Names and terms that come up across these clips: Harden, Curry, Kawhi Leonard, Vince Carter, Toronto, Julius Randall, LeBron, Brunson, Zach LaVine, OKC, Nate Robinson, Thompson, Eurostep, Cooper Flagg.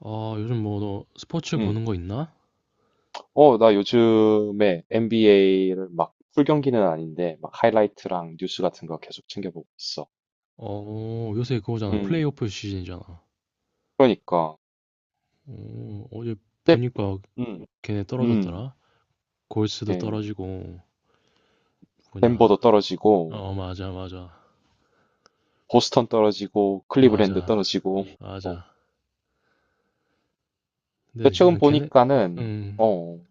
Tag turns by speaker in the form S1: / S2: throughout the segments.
S1: 아, 요즘 뭐 너 스포츠
S2: 음.
S1: 보는 거 있나?
S2: 나 요즘에 NBA를 막 풀 경기는 아닌데 막 하이라이트랑 뉴스 같은 거 계속 챙겨보고 있어.
S1: 어, 요새 그거잖아.
S2: 음.
S1: 플레이오프 시즌이잖아.
S2: 그러니까
S1: 어, 어제
S2: 근데
S1: 보니까
S2: 음.
S1: 걔네
S2: 음.
S1: 떨어졌더라. 골스도
S2: 이게
S1: 떨어지고 뭐냐.
S2: 덴버도 떨어지고
S1: 어, 맞아, 맞아.
S2: 보스턴 떨어지고 클리브랜드
S1: 맞아,
S2: 떨어지고 어.
S1: 맞아.
S2: 근데
S1: 근데
S2: 최근
S1: 난 걔네,
S2: 보니까는
S1: 음,
S2: 어.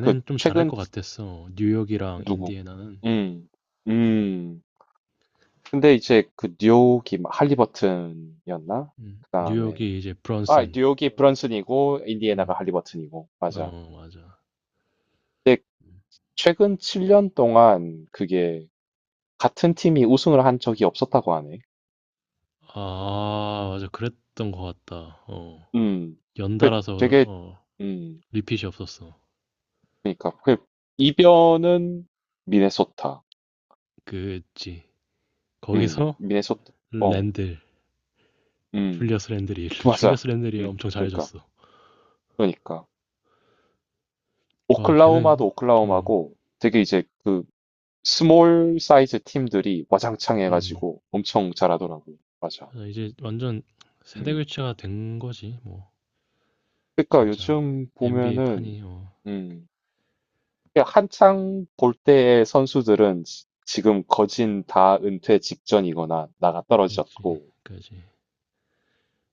S2: 그
S1: 좀 잘할
S2: 최근
S1: 것 같았어. 뉴욕이랑
S2: 누구?
S1: 인디애나는.
S2: 음. 음. 근데 이제 그 뉴욕이 막 할리버튼이었나? 그다음에
S1: 뉴욕이 이제
S2: 아,
S1: 브런슨.
S2: 뉴욕이 브런슨이고 인디애나가
S1: 음,
S2: 할리버튼이고 맞아.
S1: 어, 맞아.
S2: 근데 최근 7년 동안 그게 같은 팀이 우승을 한 적이 없었다고 하네.
S1: 아, 맞아. 그랬던 것 같다. 어,
S2: 음, 그
S1: 연달아서
S2: 되게,
S1: 어,
S2: 음,
S1: 리핏이 없었어.
S2: 그러니까 그 이변은 미네소타.
S1: 그지. 거기서
S2: 미네소타. 어,
S1: 랜들,
S2: 음,
S1: 줄리어스 랜들이,
S2: 맞아.
S1: 줄리어스 랜들이
S2: 음,
S1: 엄청
S2: 그러니까,
S1: 잘해줬어.
S2: 그러니까
S1: 와, 걔는,
S2: 오클라호마도
S1: 음,
S2: 오클라호마고 되게 이제 그 스몰 사이즈 팀들이 와장창
S1: 음.
S2: 해가지고 엄청 잘하더라고. 맞아.
S1: 그래서 이제 완전 세대
S2: 음,
S1: 교체가 된 거지, 뭐,
S2: 그러니까
S1: 진짜.
S2: 요즘
S1: NBA
S2: 보면은
S1: 판이, 어,
S2: 음. 한창 볼 때의 선수들은 지금 거진 다 은퇴 직전이거나 나가
S1: 그지,
S2: 떨어졌고,
S1: 그지.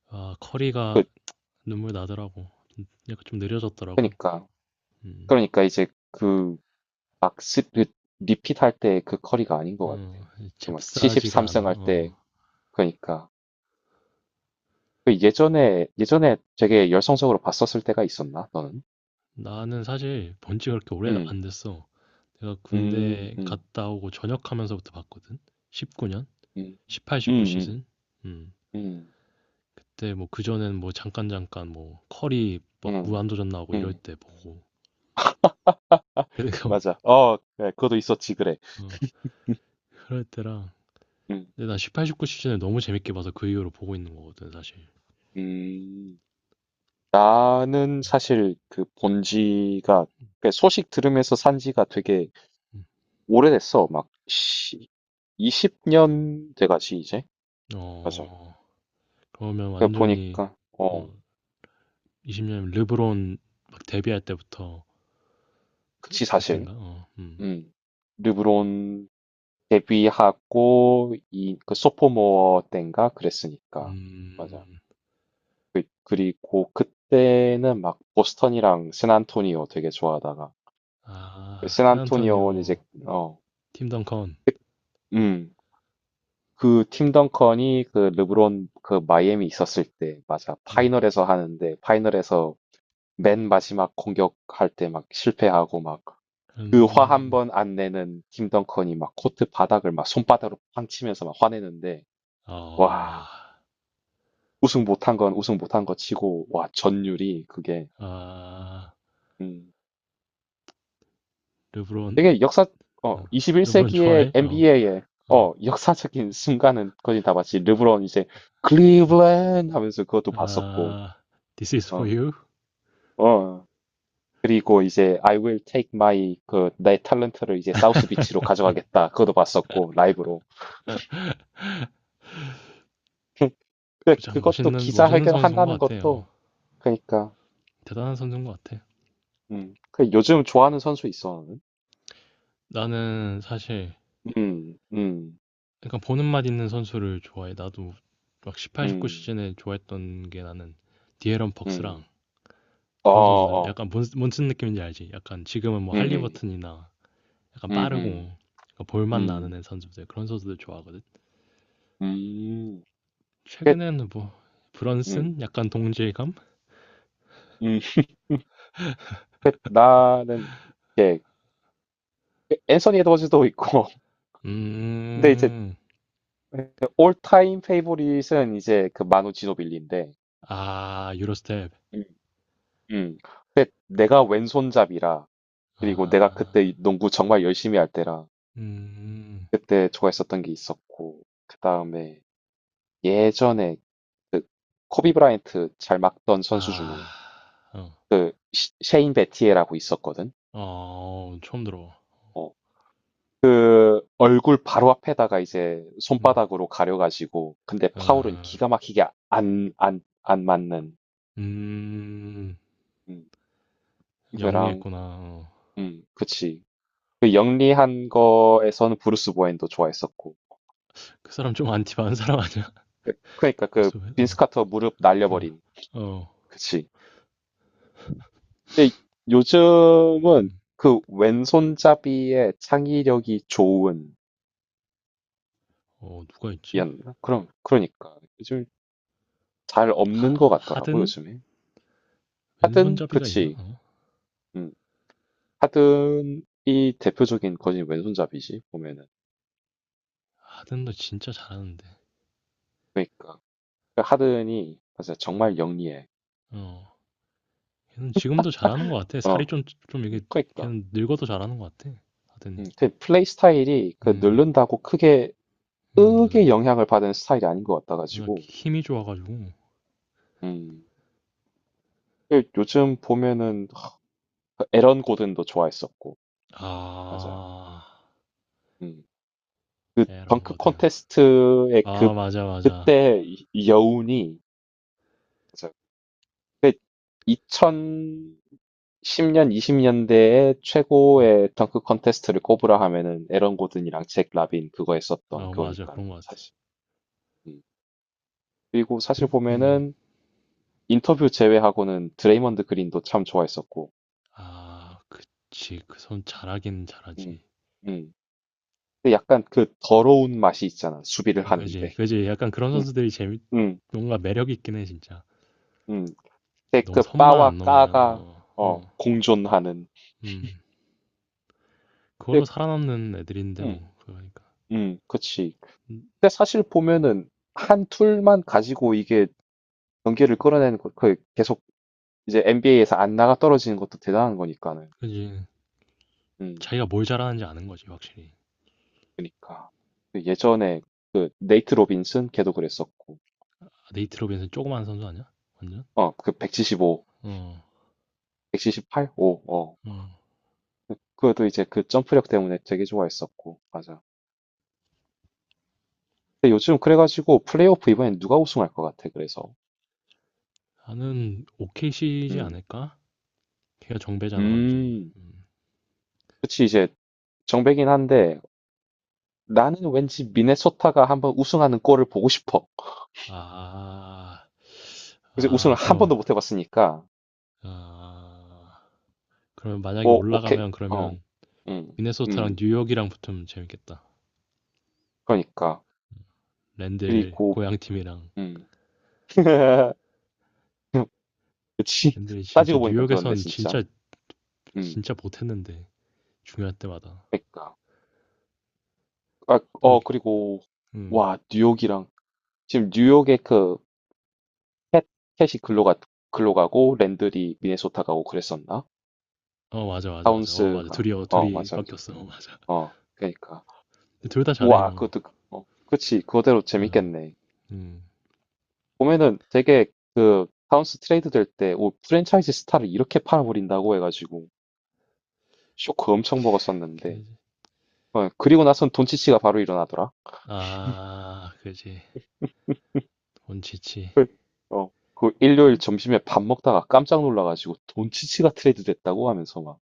S1: 아,
S2: 그,
S1: 커리가 눈물 나더라고. 약간 좀 느려졌더라고.
S2: 그러니까,
S1: 음,
S2: 그러니까 이제 그, 막, 그 리핏 할 때 그 커리가 아닌 것 같아.
S1: 어,
S2: 정말,
S1: 잽싸지가
S2: 73승
S1: 않아,
S2: 할
S1: 어.
S2: 때, 그러니까. 그 예전에 되게 열성적으로 봤었을 때가 있었나, 너는?
S1: 나는 사실 본 지가 그렇게 오래
S2: 음,
S1: 안 됐어. 내가
S2: 음,
S1: 군대
S2: 음,
S1: 갔다 오고 전역하면서부터 봤거든? 19년?
S2: 음,
S1: 18,
S2: 음,
S1: 19
S2: 음,
S1: 시즌? 음.
S2: 음,
S1: 그때 뭐 그전엔 뭐 잠깐 뭐 커리 막
S2: 음,
S1: 무한도전 나오고 이럴
S2: 음,
S1: 때 보고 그래서
S2: 맞아. 그래, 그것도 있었지, 그래.
S1: 어, 그럴 때랑.
S2: 음,
S1: 근데 난 18, 19 시즌을 너무 재밌게 봐서 그 이후로 보고 있는 거거든 사실.
S2: 음. 나는 사실 그 본지가 그러니까 소식 들으면서 산 지가 되게
S1: 음.
S2: 오래됐어. 막 20년 돼가지 이제. 맞아.
S1: 어, 그러면
S2: 그러니까
S1: 완전히
S2: 보니까
S1: 어 20년 르브론 막 데뷔할 때부터 그,
S2: 그치 사실.
S1: 그땐가? 어. 음.
S2: 음 르브론 데뷔하고 이그 소포모어 때인가 그랬으니까. 맞아.
S1: 음.
S2: 그리고 그때는 막 보스턴이랑 샌안토니오 되게 좋아하다가
S1: 아,
S2: 샌안토니오는 이제
S1: 샌안토니오
S2: 어
S1: 팀 덩컨.
S2: 그, 음. 그 팀 덩컨이 그 르브론 그 마이애미 있었을 때 맞아
S1: 음.
S2: 파이널에서 하는데 파이널에서 맨 마지막 공격할 때 막 실패하고 막 그 화 한
S1: 음.
S2: 번 안 내는 팀 덩컨이 막 코트 바닥을 막 손바닥으로 팡 치면서 막 화내는데
S1: 아.
S2: 와 우승 못한 건 우승 못한 거 치고 와 전율이 그게
S1: 아.
S2: 음
S1: 르브론.
S2: 되게 역사
S1: 어, 르브론
S2: 21세기의
S1: 좋아해? 어,
S2: NBA의
S1: 어.
S2: 역사적인 순간은 거의 다 봤지 르브론 이제 클리블랜드 하면서 그것도 봤었고.
S1: 아, This is for
S2: 어.
S1: you.
S2: 어. 그리고 이제 I will take my 그 내 탤런트를 이제 사우스 비치로 가져가겠다. 그것도 봤었고 라이브로. 근데
S1: 참
S2: 그것도
S1: 멋있는
S2: 기자회견
S1: 선수인 것
S2: 한다는
S1: 같아요.
S2: 것도 그러니까.
S1: 대단한 선수인 것 같아.
S2: 그 요즘 좋아하는 선수 있어. 나는.
S1: 나는 사실
S2: 음. 음.
S1: 약간 보는 맛 있는 선수를 좋아해. 나도 막 18, 19
S2: 음.
S1: 시즌에 좋아했던 게 나는 디에런 벅스랑
S2: 음. 어,
S1: 그런 선수들
S2: 어.
S1: 약간 뭔슨 느낌인지 알지? 약간 지금은 뭐
S2: 음. 음.
S1: 할리버튼이나 약간
S2: 음.
S1: 빠르고 약간
S2: 음.
S1: 볼맛 나는
S2: 음.
S1: 애 선수들 그런 선수들 좋아하거든.
S2: 음. 그
S1: 최근에는 뭐 브런슨
S2: 음.
S1: 약간 동질감?
S2: 음. 그 나는 이제 앤서니 에드워즈도 있고. 근데 이제
S1: 음.
S2: 올타임 페이보릿은 이제 그 마누 지노빌리인데
S1: 아, 유로스텝.
S2: 음. 근데 내가 왼손잡이라 그리고 내가
S1: 아,
S2: 그때 농구 정말 열심히 할 때라
S1: 음,
S2: 그때 좋아했었던 게 있었고 그다음에 예전에 그 코비 브라이언트 잘 막던 선수 중에
S1: 아, 어,
S2: 셰인 베티에라고 있었거든.
S1: 어, 처음 들어.
S2: 어. 그 얼굴 바로 앞에다가 이제
S1: 음,
S2: 손바닥으로 가려가지고 근데 파울은
S1: 어,
S2: 기가 막히게 안 맞는.
S1: 음,
S2: 음. 그랑
S1: 영리했구나. 어.
S2: 그치. 그 영리한 거에서는 브루스 보웬도 좋아했었고
S1: 그 사람 좀 안티 많은 사람 아니야?
S2: 그러니까 그
S1: 벌써 왜,
S2: 빈스
S1: 어,
S2: 카터 무릎 날려버린.
S1: 어, 어,
S2: 그치. 근데 요즘은
S1: 음,
S2: 그 왼손잡이의 창의력이 좋은
S1: 어, 누가 있지?
S2: 이었나? 그럼 그러니까 요즘 잘 없는
S1: 하,
S2: 것 같더라고
S1: 하든?
S2: 요즘에. 하든
S1: 왼손잡이가 있나?
S2: 그치.
S1: 어?
S2: 음. 하든이 대표적인 거진 왼손잡이지 보면은.
S1: 하든도 진짜 잘하는데.
S2: 그러니까 그 하든이 맞아 정말 영리해.
S1: 어, 걔는 지금도 잘하는 것 같아. 살이
S2: 어.
S1: 좀, 좀 이게,
S2: 그러니까.
S1: 걔는 늙어도 잘하는 것 같아. 하든이.
S2: 음. 그 플레이 스타일이 그
S1: 음,
S2: 늘른다고 크게 크게
S1: 맞아.
S2: 영향을 받은 스타일이 아닌 것
S1: 그냥
S2: 같아가지고.
S1: 힘이 좋아 가지고.
S2: 음. 그 요즘 보면은 그 에런 고든도 좋아했었고 맞아.
S1: 아.
S2: 음. 그
S1: 이런
S2: 덩크
S1: 거든.
S2: 콘테스트의 그
S1: 아 맞아, 맞아.
S2: 그때 이 여운이 맞아. 그 2010년 20년대의 최고의 덩크 콘테스트를 꼽으라 하면은 에런 고든이랑 잭 라빈 그거
S1: 아
S2: 했었던
S1: 어 맞아.
S2: 그거니까는
S1: 그런 것 같아.
S2: 사실. 음. 그리고 사실
S1: 그
S2: 보면은 인터뷰 제외하고는 드레이먼드 그린도 참 좋아했었고.
S1: 아 그치. 그 선 잘하긴 잘하지.
S2: 음. 음. 근데 약간 그 더러운 맛이 있잖아. 수비를
S1: 아 그지,
S2: 하는데.
S1: 그지. 약간 그런
S2: 음.
S1: 선수들이 재밌,
S2: 음.
S1: 뭔가 매력 있긴 해 진짜.
S2: 음, 근데
S1: 너무
S2: 그
S1: 선만
S2: 빠와
S1: 안 넘으면
S2: 까가
S1: 어. 어.
S2: 공존하는.
S1: 음. 그걸로
S2: 근데,
S1: 살아남는 애들인데
S2: 음,
S1: 뭐 그러니까.
S2: 그치.
S1: 음.
S2: 근데 사실 보면은 한 툴만 가지고 이게 경기를 끌어내는 거, 그 계속 이제 NBA에서 안 나가 떨어지는 것도 대단한 거니까는.
S1: 그지.
S2: 음,
S1: 자기가 뭘 잘하는지 아는 거지 확실히.
S2: 그니까. 그 예전에 그 네이트 로빈슨 걔도 그랬었고,
S1: 아 네이트 로빈슨 조그만 선수 아니야? 완전?
S2: 그 175,
S1: 어.
S2: 178, 5, 어.
S1: 어.
S2: 그것도 이제 그 점프력 때문에 되게 좋아했었고, 맞아. 근데 요즘 그래가지고 플레이오프 이번엔 누가 우승할 것 같아, 그래서.
S1: 나는 o k c 지
S2: 음,
S1: 않을까? 걔가 정배잖아 완전히.
S2: 음.
S1: 음.
S2: 그치, 이제 정배긴 한데 나는 왠지 미네소타가 한번 우승하는 꼴을 보고 싶어.
S1: 아,
S2: 그래서
S1: 아
S2: 우승을 한
S1: 그럼.
S2: 번도 못 해봤으니까.
S1: 아 그러면 만약에
S2: 오, 오케이.
S1: 올라가면
S2: 어,
S1: 그러면
S2: 음,
S1: 미네소타랑
S2: 음,
S1: 뉴욕이랑 붙으면 재밌겠다.
S2: 그러니까.
S1: 랜들
S2: 그리고,
S1: 고향 팀이랑.
S2: 음. 그치.
S1: 랜들이 진짜
S2: 따지고 보니까 그렇네,
S1: 뉴욕에선
S2: 진짜.
S1: 진짜
S2: 음,
S1: 진짜 못했는데 중요할 때마다
S2: 그러니까. 아,
S1: 이렇게.
S2: 그리고,
S1: 음.
S2: 와, 뉴욕이랑, 지금 뉴욕의 그, 캣, 캣이 글로 가고, 랜들이 미네소타 가고 그랬었나?
S1: 어 맞아 맞아 맞아 어 맞아
S2: 타운스가,
S1: 둘이 어 둘이
S2: 맞아, 맞아.
S1: 바뀌었어 어, 맞아.
S2: 그러니까.
S1: 둘 다
S2: 우와,
S1: 잘해요.
S2: 그것도, 그치, 그거대로
S1: 맞아.
S2: 재밌겠네. 보면은 되게 그, 파운스 트레이드 될 때, 오, 프랜차이즈 스타를 이렇게 팔아버린다고 해가지고, 쇼크 엄청 먹었었는데, 그리고 나선 돈치치가 바로 일어나더라.
S1: 음아 그지. 원치치.
S2: 헐. 어, 그 일요일 점심에 밥 먹다가 깜짝 놀라가지고, 돈치치가 트레이드 됐다고 하면서 막,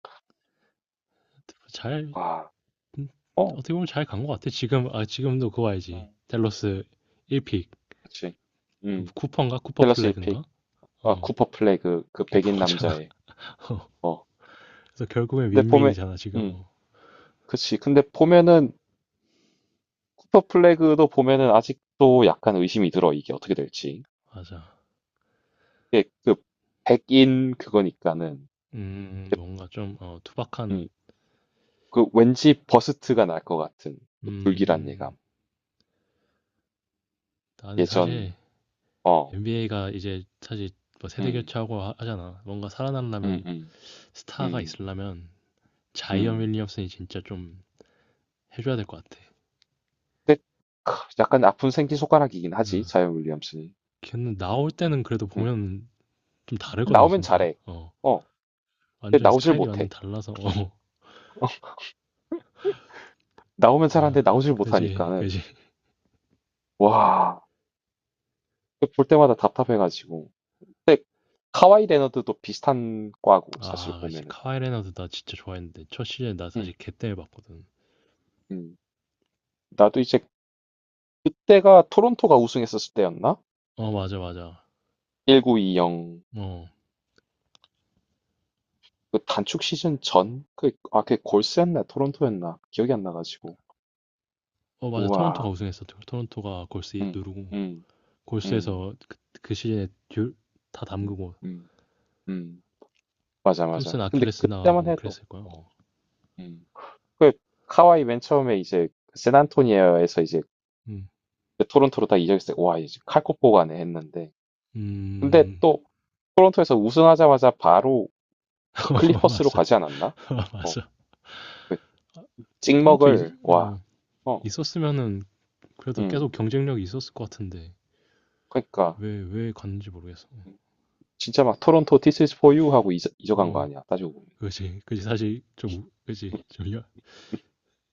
S1: 잘.
S2: 와,
S1: 음,
S2: 어,
S1: 어떻게 보면 잘 간 것 같아. 지금, 아, 지금도 그거 알지.
S2: 음.
S1: 댈러스 1픽.
S2: 그치.
S1: 그
S2: 음,
S1: 쿠퍼인가? 쿠퍼
S2: 댈러스
S1: 플래그인가?
S2: 1픽,
S1: 어,
S2: 쿠퍼 플레이 그
S1: 걔
S2: 백인
S1: 보잖아
S2: 남자의,
S1: 어.
S2: 어.
S1: 그래서 결국엔
S2: 근데 보면,
S1: 윈윈이잖아, 지금.
S2: 음,
S1: 어,
S2: 그치. 근데 보면은 쿠퍼 플래그도 보면은 아직도 약간 의심이 들어, 이게 어떻게 될지.
S1: 맞아.
S2: 이게 그 백인 그거니까는
S1: 뭔가 좀, 어, 투박한,
S2: 음, 그 왠지 버스트가 날 것 같은 그 불길한
S1: 음,
S2: 예감.
S1: 난
S2: 예전
S1: 사실
S2: 어,
S1: NBA가 이제 사실 뭐 세대
S2: 음,
S1: 교체하고 하잖아. 뭔가
S2: 음,
S1: 살아남으려면,
S2: 음,
S1: 스타가
S2: 음,
S1: 있으려면, 자이언
S2: 음.
S1: 윌리엄슨이 진짜 좀 해줘야 될 것 같아.
S2: 근데 크, 약간 아픈 생기 손가락이긴 하지,
S1: 어,
S2: 자이언 윌리엄슨이.
S1: 걔는 나올 때는 그래도
S2: 음.
S1: 보면 좀 다르거든,
S2: 나오면
S1: 진짜.
S2: 잘해.
S1: 어.
S2: 어, 근데
S1: 완전히
S2: 나오질
S1: 스타일이 완전
S2: 못해.
S1: 달라서 어.
S2: 나오면
S1: 라
S2: 잘하는데 나오질
S1: 그지
S2: 못하니까는
S1: 그지.
S2: 와, 볼 때마다 답답해가지고. 카와이 레너드도 비슷한 과고 사실
S1: 아 그지
S2: 보면은.
S1: 카와이 레나도 나 진짜 좋아했는데 첫 시즌 나
S2: 음,
S1: 사실 걔 때문에 봤거든.
S2: 음. 나도 이제 그때가 토론토가 우승했었을 때였나?
S1: 어 맞아 맞아
S2: 1920.
S1: 어,
S2: 그 단축 시즌 전? 그, 아, 그게 골스였나? 토론토였나? 기억이 안 나가지고.
S1: 어 맞아 토론토가
S2: 우와.
S1: 우승했어 토론토가 골스
S2: 음,
S1: 누르고
S2: 음, 음,
S1: 골스에서 그, 그 시즌에 듀, 다
S2: 음,
S1: 담그고
S2: 음, 음. 맞아, 맞아.
S1: 탐슨
S2: 근데
S1: 아킬레스 나가고
S2: 그때만
S1: 뭐
S2: 해도,
S1: 그랬을 거야
S2: 어,
S1: 어.
S2: 음. 그, 카와이 맨 처음에 이제, 샌안토니에에서 이제,
S1: 음,
S2: 그 토론토로 다 이적했을 때, 와, 이제 칼코포가네 했는데. 근데
S1: 음
S2: 또, 토론토에서 우승하자마자 바로
S1: 어,
S2: 클리퍼스로
S1: 맞아
S2: 가지 않았나?
S1: 어,
S2: 어,
S1: 맞아.
S2: 그
S1: 토론토 있,
S2: 찍먹을 와,
S1: 어,
S2: 어,
S1: 있었으면은 그래도
S2: 음,
S1: 계속 경쟁력이 있었을 것 같은데
S2: 그러니까
S1: 왜 왜 갔는지 모르겠어.
S2: 진짜 막 토론토 This is for you 하고 잊어간 거
S1: 어
S2: 아니야? 따지고 보면.
S1: 그지, 그지 사실 좀 그지 좀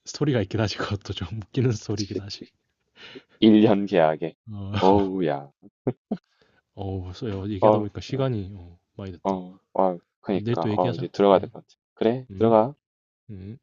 S1: 스토리가 있긴 하지 그것도 좀 웃기는 스토리긴
S2: 그치?
S1: 하지.
S2: 1년 계약에.
S1: 어,
S2: 어우, 야.
S1: 어, 써 얘기하다
S2: 어,
S1: 보니까
S2: 어,
S1: 시간이 어, 많이 됐다. 내일
S2: 그러니까.
S1: 또
S2: 이제
S1: 얘기하자.
S2: 들어가야 될
S1: 응,
S2: 것 같아. 그래,
S1: 응,
S2: 들어가.
S1: 응.